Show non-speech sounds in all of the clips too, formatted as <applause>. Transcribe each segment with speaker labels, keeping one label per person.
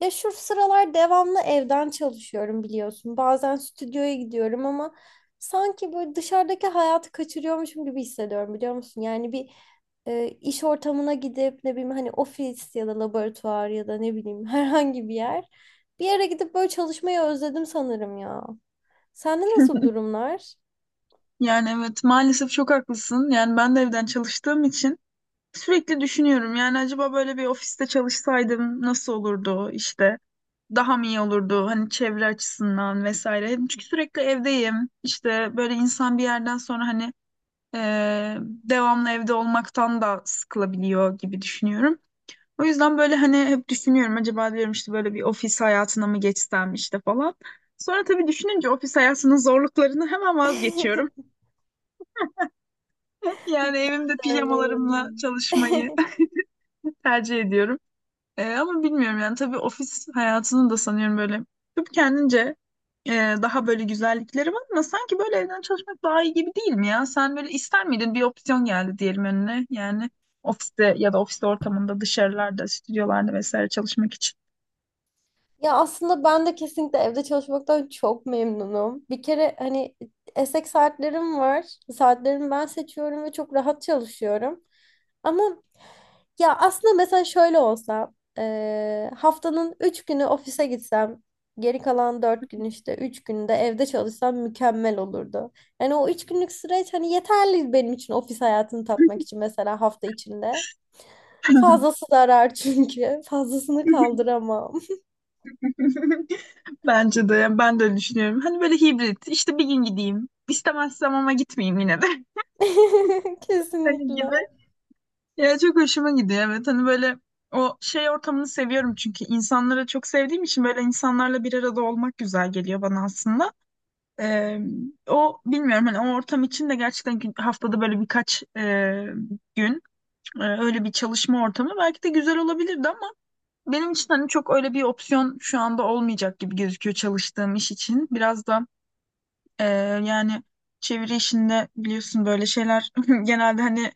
Speaker 1: Ya şu sıralar devamlı evden çalışıyorum biliyorsun. Bazen stüdyoya gidiyorum ama sanki böyle dışarıdaki hayatı kaçırıyormuşum gibi hissediyorum biliyor musun? Yani bir iş ortamına gidip ne bileyim hani ofis ya da laboratuvar ya da ne bileyim <laughs> herhangi bir yer. Bir yere gidip böyle çalışmayı özledim sanırım ya. Sende nasıl durumlar?
Speaker 2: Yani evet maalesef çok haklısın. Yani ben de evden çalıştığım için sürekli düşünüyorum. Yani acaba böyle bir ofiste çalışsaydım nasıl olurdu işte daha mı iyi olurdu hani çevre açısından vesaire. Çünkü sürekli evdeyim. İşte böyle insan bir yerden sonra hani devamlı evde olmaktan da sıkılabiliyor gibi düşünüyorum. O yüzden böyle hani hep düşünüyorum acaba diyorum işte böyle bir ofis hayatına mı geçsem işte falan. Sonra tabii düşününce ofis hayatının zorluklarını hemen vazgeçiyorum. <laughs> Yani
Speaker 1: <laughs>
Speaker 2: evimde pijamalarımla
Speaker 1: Öyleyim.
Speaker 2: çalışmayı
Speaker 1: <laughs>
Speaker 2: <laughs> tercih ediyorum. Ama bilmiyorum yani tabii ofis hayatının da sanıyorum böyle hep kendince e, daha böyle güzellikleri var ama sanki böyle evden çalışmak daha iyi gibi değil mi ya? Sen böyle ister miydin bir opsiyon geldi diyelim önüne yani ofiste ya da ofis ortamında dışarılarda, stüdyolarda vesaire çalışmak için.
Speaker 1: Ya aslında ben de kesinlikle evde çalışmaktan çok memnunum. Bir kere hani esek saatlerim var. Saatlerimi ben seçiyorum ve çok rahat çalışıyorum. Ama ya aslında mesela şöyle olsa haftanın 3 günü ofise gitsem geri kalan 4 gün işte 3 günde evde çalışsam mükemmel olurdu. Yani o 3 günlük süreç hani yeterli benim için ofis hayatını tatmak için mesela hafta içinde. Fazlası zarar çünkü. Fazlasını kaldıramam.
Speaker 2: <laughs> Bence de yani ben de öyle düşünüyorum. Hani böyle hibrit işte bir gün gideyim istemezsem ama gitmeyeyim yine de
Speaker 1: <laughs>
Speaker 2: <laughs> hani gibi.
Speaker 1: Kesinlikle.
Speaker 2: Ya çok hoşuma gidiyor evet hani böyle o şey ortamını seviyorum çünkü insanları çok sevdiğim için böyle insanlarla bir arada olmak güzel geliyor bana aslında. Ee, O bilmiyorum hani o ortam için de gerçekten haftada böyle birkaç gün öyle bir çalışma ortamı belki de güzel olabilirdi ama benim için hani çok öyle bir opsiyon şu anda olmayacak gibi gözüküyor çalıştığım iş için. Biraz da e, yani çeviri işinde biliyorsun böyle şeyler <laughs> genelde hani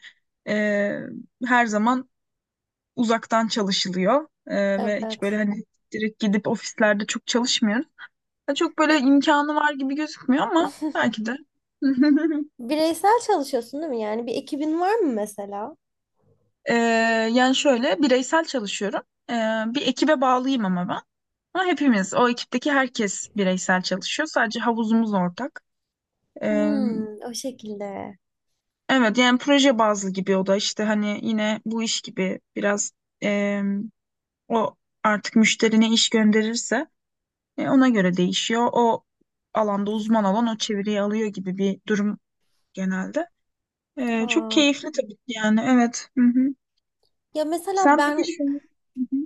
Speaker 2: e, her zaman uzaktan çalışılıyor. Ve hiç böyle
Speaker 1: Evet.
Speaker 2: hani direkt gidip ofislerde çok çalışmıyoruz. Ya çok böyle
Speaker 1: Ve
Speaker 2: imkanı var gibi gözükmüyor ama
Speaker 1: <laughs>
Speaker 2: belki de. <laughs>
Speaker 1: bireysel çalışıyorsun değil mi? Yani bir ekibin var mı mesela?
Speaker 2: Ee, Yani şöyle bireysel çalışıyorum. Ee, Bir ekibe bağlıyım ama ben. Ama hepimiz o ekipteki herkes bireysel çalışıyor. Sadece havuzumuz ortak. Ee,
Speaker 1: Hmm, o şekilde.
Speaker 2: evet yani proje bazlı gibi o da işte hani yine bu iş gibi biraz em, o artık müşterine iş gönderirse ona göre değişiyor. O alanda uzman olan o çeviriyi alıyor gibi bir durum genelde. Çok
Speaker 1: Aa.
Speaker 2: keyifli tabii ki yani evet. Hı hı.
Speaker 1: Ya mesela
Speaker 2: Sen peki
Speaker 1: ben
Speaker 2: şu... Hı hı.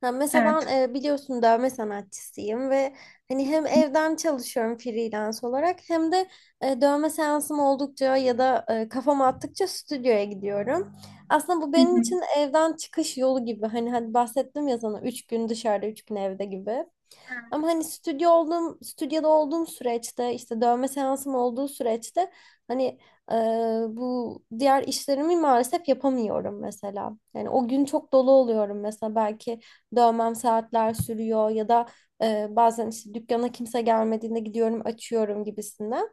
Speaker 1: ha mesela ben
Speaker 2: Evet.
Speaker 1: biliyorsun dövme sanatçısıyım ve hani hem evden çalışıyorum freelance olarak hem de dövme seansım oldukça ya da kafam attıkça stüdyoya gidiyorum. Aslında bu
Speaker 2: Hı
Speaker 1: benim
Speaker 2: hı.
Speaker 1: için evden çıkış yolu gibi. Hani hadi bahsettim ya sana 3 gün dışarıda 3 gün evde gibi. Ama
Speaker 2: Evet.
Speaker 1: hani stüdyo olduğum, stüdyoda olduğum süreçte işte dövme seansım olduğu süreçte hani e, bu diğer işlerimi maalesef yapamıyorum mesela. Yani o gün çok dolu oluyorum mesela belki dövmem saatler sürüyor ya da bazen işte dükkana kimse gelmediğinde gidiyorum açıyorum gibisinden.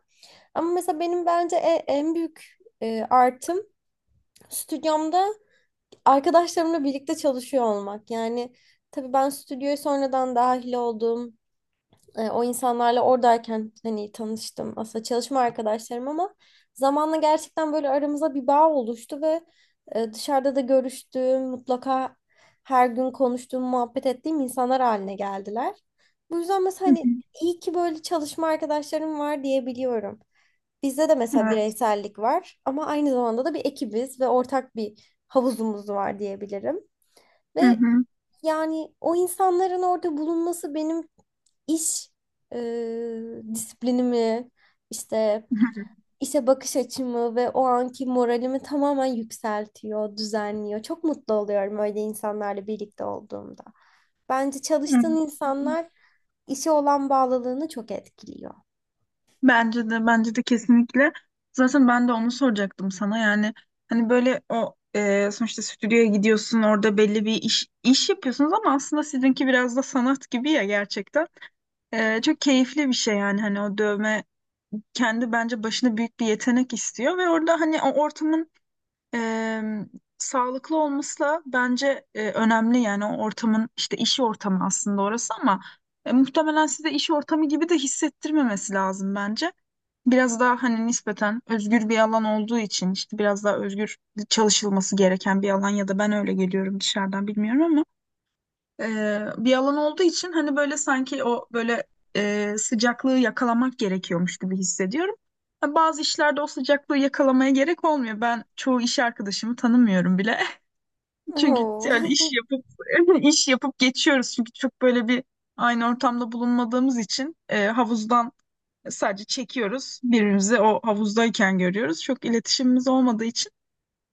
Speaker 1: Ama mesela benim bence en büyük artım stüdyomda arkadaşlarımla birlikte çalışıyor olmak. Yani tabii ben stüdyoya sonradan dahil oldum o insanlarla oradayken hani tanıştım aslında çalışma arkadaşlarım ama zamanla gerçekten böyle aramıza bir bağ oluştu ve dışarıda da görüştüğüm, mutlaka her gün konuştuğum, muhabbet ettiğim insanlar haline geldiler. Bu yüzden
Speaker 2: Hı
Speaker 1: mesela
Speaker 2: hı.
Speaker 1: hani iyi ki böyle çalışma arkadaşlarım var diyebiliyorum. Bizde de mesela
Speaker 2: Evet.
Speaker 1: bireysellik var ama aynı zamanda da bir ekibiz ve ortak bir havuzumuz var diyebilirim.
Speaker 2: Hı
Speaker 1: Ve
Speaker 2: hı.
Speaker 1: yani o insanların orada bulunması benim iş disiplinimi, işte
Speaker 2: <laughs>
Speaker 1: işe bakış açımı ve o anki moralimi tamamen yükseltiyor, düzenliyor. Çok mutlu oluyorum öyle insanlarla birlikte olduğumda. Bence
Speaker 2: Hı hı.
Speaker 1: çalıştığın insanlar işe olan bağlılığını çok etkiliyor.
Speaker 2: Bence de bence de kesinlikle. Zaten ben de onu soracaktım sana. Yani hani böyle o sonuçta stüdyoya gidiyorsun orada belli bir iş iş yapıyorsunuz ama aslında sizinki biraz da sanat gibi ya gerçekten. Çok keyifli bir şey yani hani o dövme kendi bence başına büyük bir yetenek istiyor ve orada hani o ortamın e, sağlıklı olması da bence önemli yani o ortamın işte iş ortamı aslında orası ama muhtemelen size iş ortamı gibi de hissettirmemesi lazım bence. Biraz daha hani nispeten özgür bir alan olduğu için işte biraz daha özgür çalışılması gereken bir alan ya da ben öyle geliyorum dışarıdan bilmiyorum ama bir alan olduğu için hani böyle sanki o böyle sıcaklığı yakalamak gerekiyormuş gibi hissediyorum. Ha, bazı işlerde o sıcaklığı yakalamaya gerek olmuyor. Ben çoğu iş arkadaşımı tanımıyorum bile. <laughs> Çünkü
Speaker 1: Oo.
Speaker 2: öyle iş
Speaker 1: <laughs>
Speaker 2: yapıp <laughs> iş yapıp geçiyoruz. Çünkü çok böyle bir aynı ortamda bulunmadığımız için havuzdan sadece çekiyoruz. Birbirimizi o havuzdayken görüyoruz. Çok iletişimimiz olmadığı için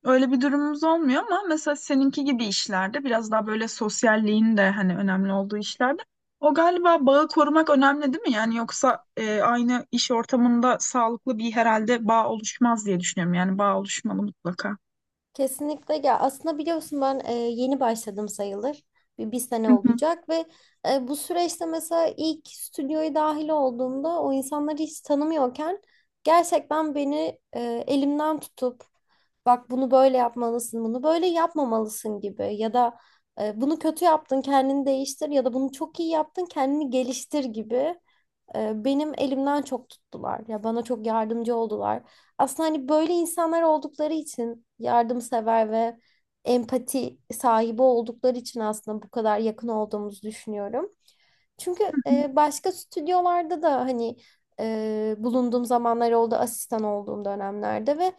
Speaker 2: öyle bir durumumuz olmuyor ama mesela seninki gibi işlerde biraz daha böyle sosyalliğin de hani önemli olduğu işlerde o galiba bağı korumak önemli değil mi? Yani yoksa aynı iş ortamında sağlıklı bir herhalde bağ oluşmaz diye düşünüyorum. Yani bağ oluşmalı mutlaka.
Speaker 1: Kesinlikle ya aslında biliyorsun ben yeni başladım sayılır. Bir sene
Speaker 2: Hı hı,
Speaker 1: olacak ve bu süreçte mesela ilk stüdyoya dahil olduğumda o insanları hiç tanımıyorken gerçekten beni elimden tutup bak bunu böyle yapmalısın, bunu böyle yapmamalısın gibi ya da bunu kötü yaptın kendini değiştir ya da bunu çok iyi yaptın kendini geliştir gibi benim elimden çok tuttular. Ya bana çok yardımcı oldular. Aslında hani böyle insanlar oldukları için yardımsever ve empati sahibi oldukları için aslında bu kadar yakın olduğumuzu düşünüyorum. Çünkü
Speaker 2: hı
Speaker 1: başka stüdyolarda da hani bulunduğum zamanlar oldu asistan olduğum dönemlerde ve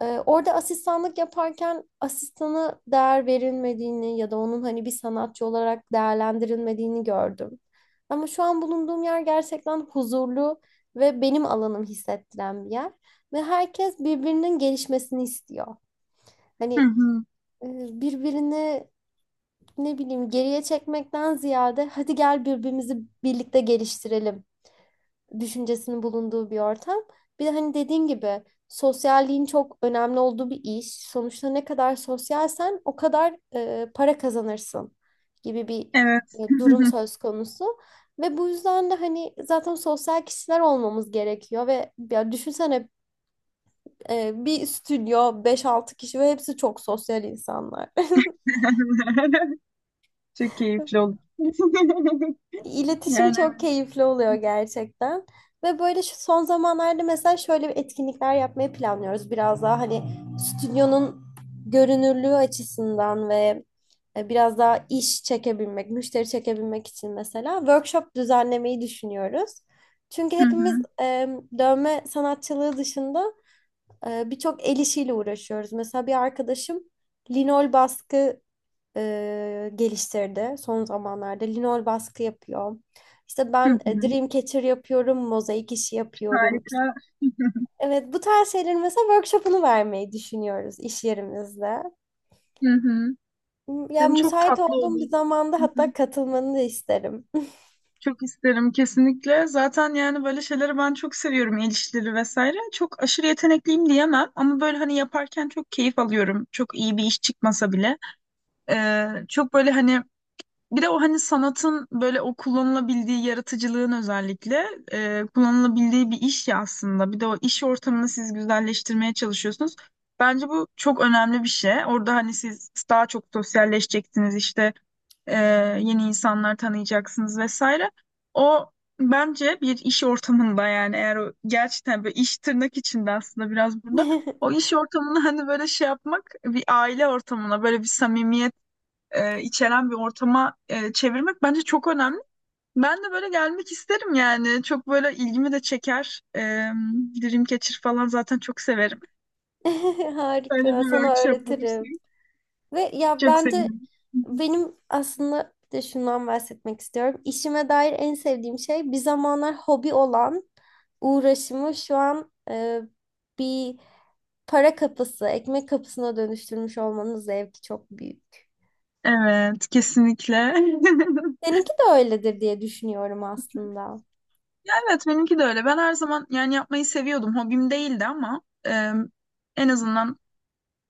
Speaker 1: orada asistanlık yaparken asistanı değer verilmediğini ya da onun hani bir sanatçı olarak değerlendirilmediğini gördüm. Ama şu an bulunduğum yer gerçekten huzurlu ve benim alanım hissettiren bir yer ve herkes birbirinin gelişmesini istiyor. Hani
Speaker 2: hı,
Speaker 1: birbirini ne bileyim geriye çekmekten ziyade hadi gel birbirimizi birlikte geliştirelim düşüncesinin bulunduğu bir ortam. Bir de hani dediğin gibi sosyalliğin çok önemli olduğu bir iş. Sonuçta ne kadar sosyalsen o kadar para kazanırsın gibi bir
Speaker 2: evet.
Speaker 1: durum söz konusu. Ve bu yüzden de hani zaten sosyal kişiler olmamız gerekiyor ve ya düşünsene bir stüdyo beş altı kişi ve hepsi çok sosyal insanlar.
Speaker 2: <laughs> Çok
Speaker 1: <laughs>
Speaker 2: keyifli oldu. <laughs>
Speaker 1: İletişim
Speaker 2: Yani
Speaker 1: çok
Speaker 2: evet.
Speaker 1: keyifli oluyor gerçekten. Ve böyle şu son zamanlarda mesela şöyle bir etkinlikler yapmayı planlıyoruz. Biraz daha hani stüdyonun görünürlüğü açısından ve biraz daha iş çekebilmek, müşteri çekebilmek için mesela workshop düzenlemeyi düşünüyoruz. Çünkü
Speaker 2: Hı
Speaker 1: hepimiz
Speaker 2: hı,
Speaker 1: dövme sanatçılığı dışında birçok el işiyle uğraşıyoruz. Mesela bir arkadaşım linol baskı geliştirdi son zamanlarda. Linol baskı yapıyor. İşte
Speaker 2: hı
Speaker 1: ben
Speaker 2: hı.
Speaker 1: Dreamcatcher yapıyorum, mozaik işi yapıyorum.
Speaker 2: Harika.
Speaker 1: Evet bu tarz şeylerin mesela workshop'unu vermeyi düşünüyoruz iş yerimizde.
Speaker 2: Hı hı.
Speaker 1: Ya
Speaker 2: Yani çok
Speaker 1: müsait
Speaker 2: tatlı
Speaker 1: olduğum bir
Speaker 2: olur.
Speaker 1: zamanda hatta katılmanı da isterim.
Speaker 2: Çok isterim kesinlikle. Zaten yani böyle şeyleri ben çok seviyorum. El işleri vesaire. Çok aşırı yetenekliyim diyemem ama böyle hani yaparken çok keyif alıyorum. Çok iyi bir iş çıkmasa bile. Çok böyle hani bir de o hani sanatın böyle o kullanılabildiği yaratıcılığın özellikle kullanılabildiği bir iş ya aslında. Bir de o iş ortamını siz güzelleştirmeye çalışıyorsunuz. Bence bu çok önemli bir şey. Orada hani siz daha çok sosyalleşeceksiniz işte e, yeni insanlar tanıyacaksınız vesaire. O bence bir iş ortamında yani eğer o gerçekten böyle iş tırnak içinde aslında biraz burada o
Speaker 1: <laughs>
Speaker 2: iş ortamını hani böyle şey yapmak bir aile ortamına böyle bir samimiyet içeren bir ortama çevirmek bence çok önemli. Ben de böyle gelmek isterim yani çok böyle ilgimi de çeker. Dreamcatcher falan zaten çok severim. Böyle
Speaker 1: Harika,
Speaker 2: bir
Speaker 1: sana
Speaker 2: workshop olursa
Speaker 1: öğretirim. Ve ya
Speaker 2: çok
Speaker 1: ben de
Speaker 2: sevinirim.
Speaker 1: benim aslında bir de şundan bahsetmek istiyorum. İşime dair en sevdiğim şey bir zamanlar hobi olan uğraşımı şu an bir para kapısı, ekmek kapısına dönüştürmüş olmanın zevki çok büyük.
Speaker 2: Evet kesinlikle. <laughs>
Speaker 1: Seninki de öyledir diye düşünüyorum aslında.
Speaker 2: Evet benimki de öyle. Ben her zaman yani yapmayı seviyordum. Hobim değildi ama en azından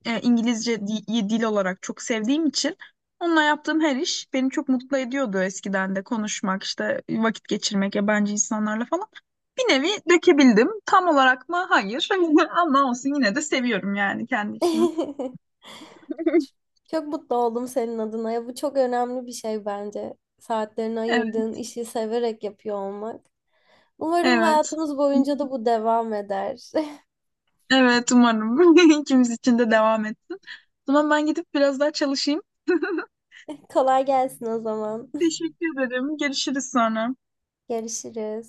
Speaker 2: İngilizce dil olarak çok sevdiğim için onunla yaptığım her iş beni çok mutlu ediyordu eskiden de konuşmak işte vakit geçirmek yabancı insanlarla falan. Bir nevi dökebildim. Tam olarak mı? Hayır. <laughs> Ama olsun yine de seviyorum yani kendi işimi.
Speaker 1: <laughs>
Speaker 2: <laughs>
Speaker 1: Çok mutlu oldum senin adına. Ya bu çok önemli bir şey bence. Saatlerini
Speaker 2: Evet.
Speaker 1: ayırdığın işi severek yapıyor olmak. Umarım
Speaker 2: Evet.
Speaker 1: hayatımız boyunca da bu devam eder.
Speaker 2: Evet umarım <laughs> ikimiz için de devam etsin. O zaman ben gidip biraz daha çalışayım. <laughs>
Speaker 1: <laughs> Kolay gelsin o zaman.
Speaker 2: Teşekkür ederim. Görüşürüz sonra.
Speaker 1: <laughs> Görüşürüz.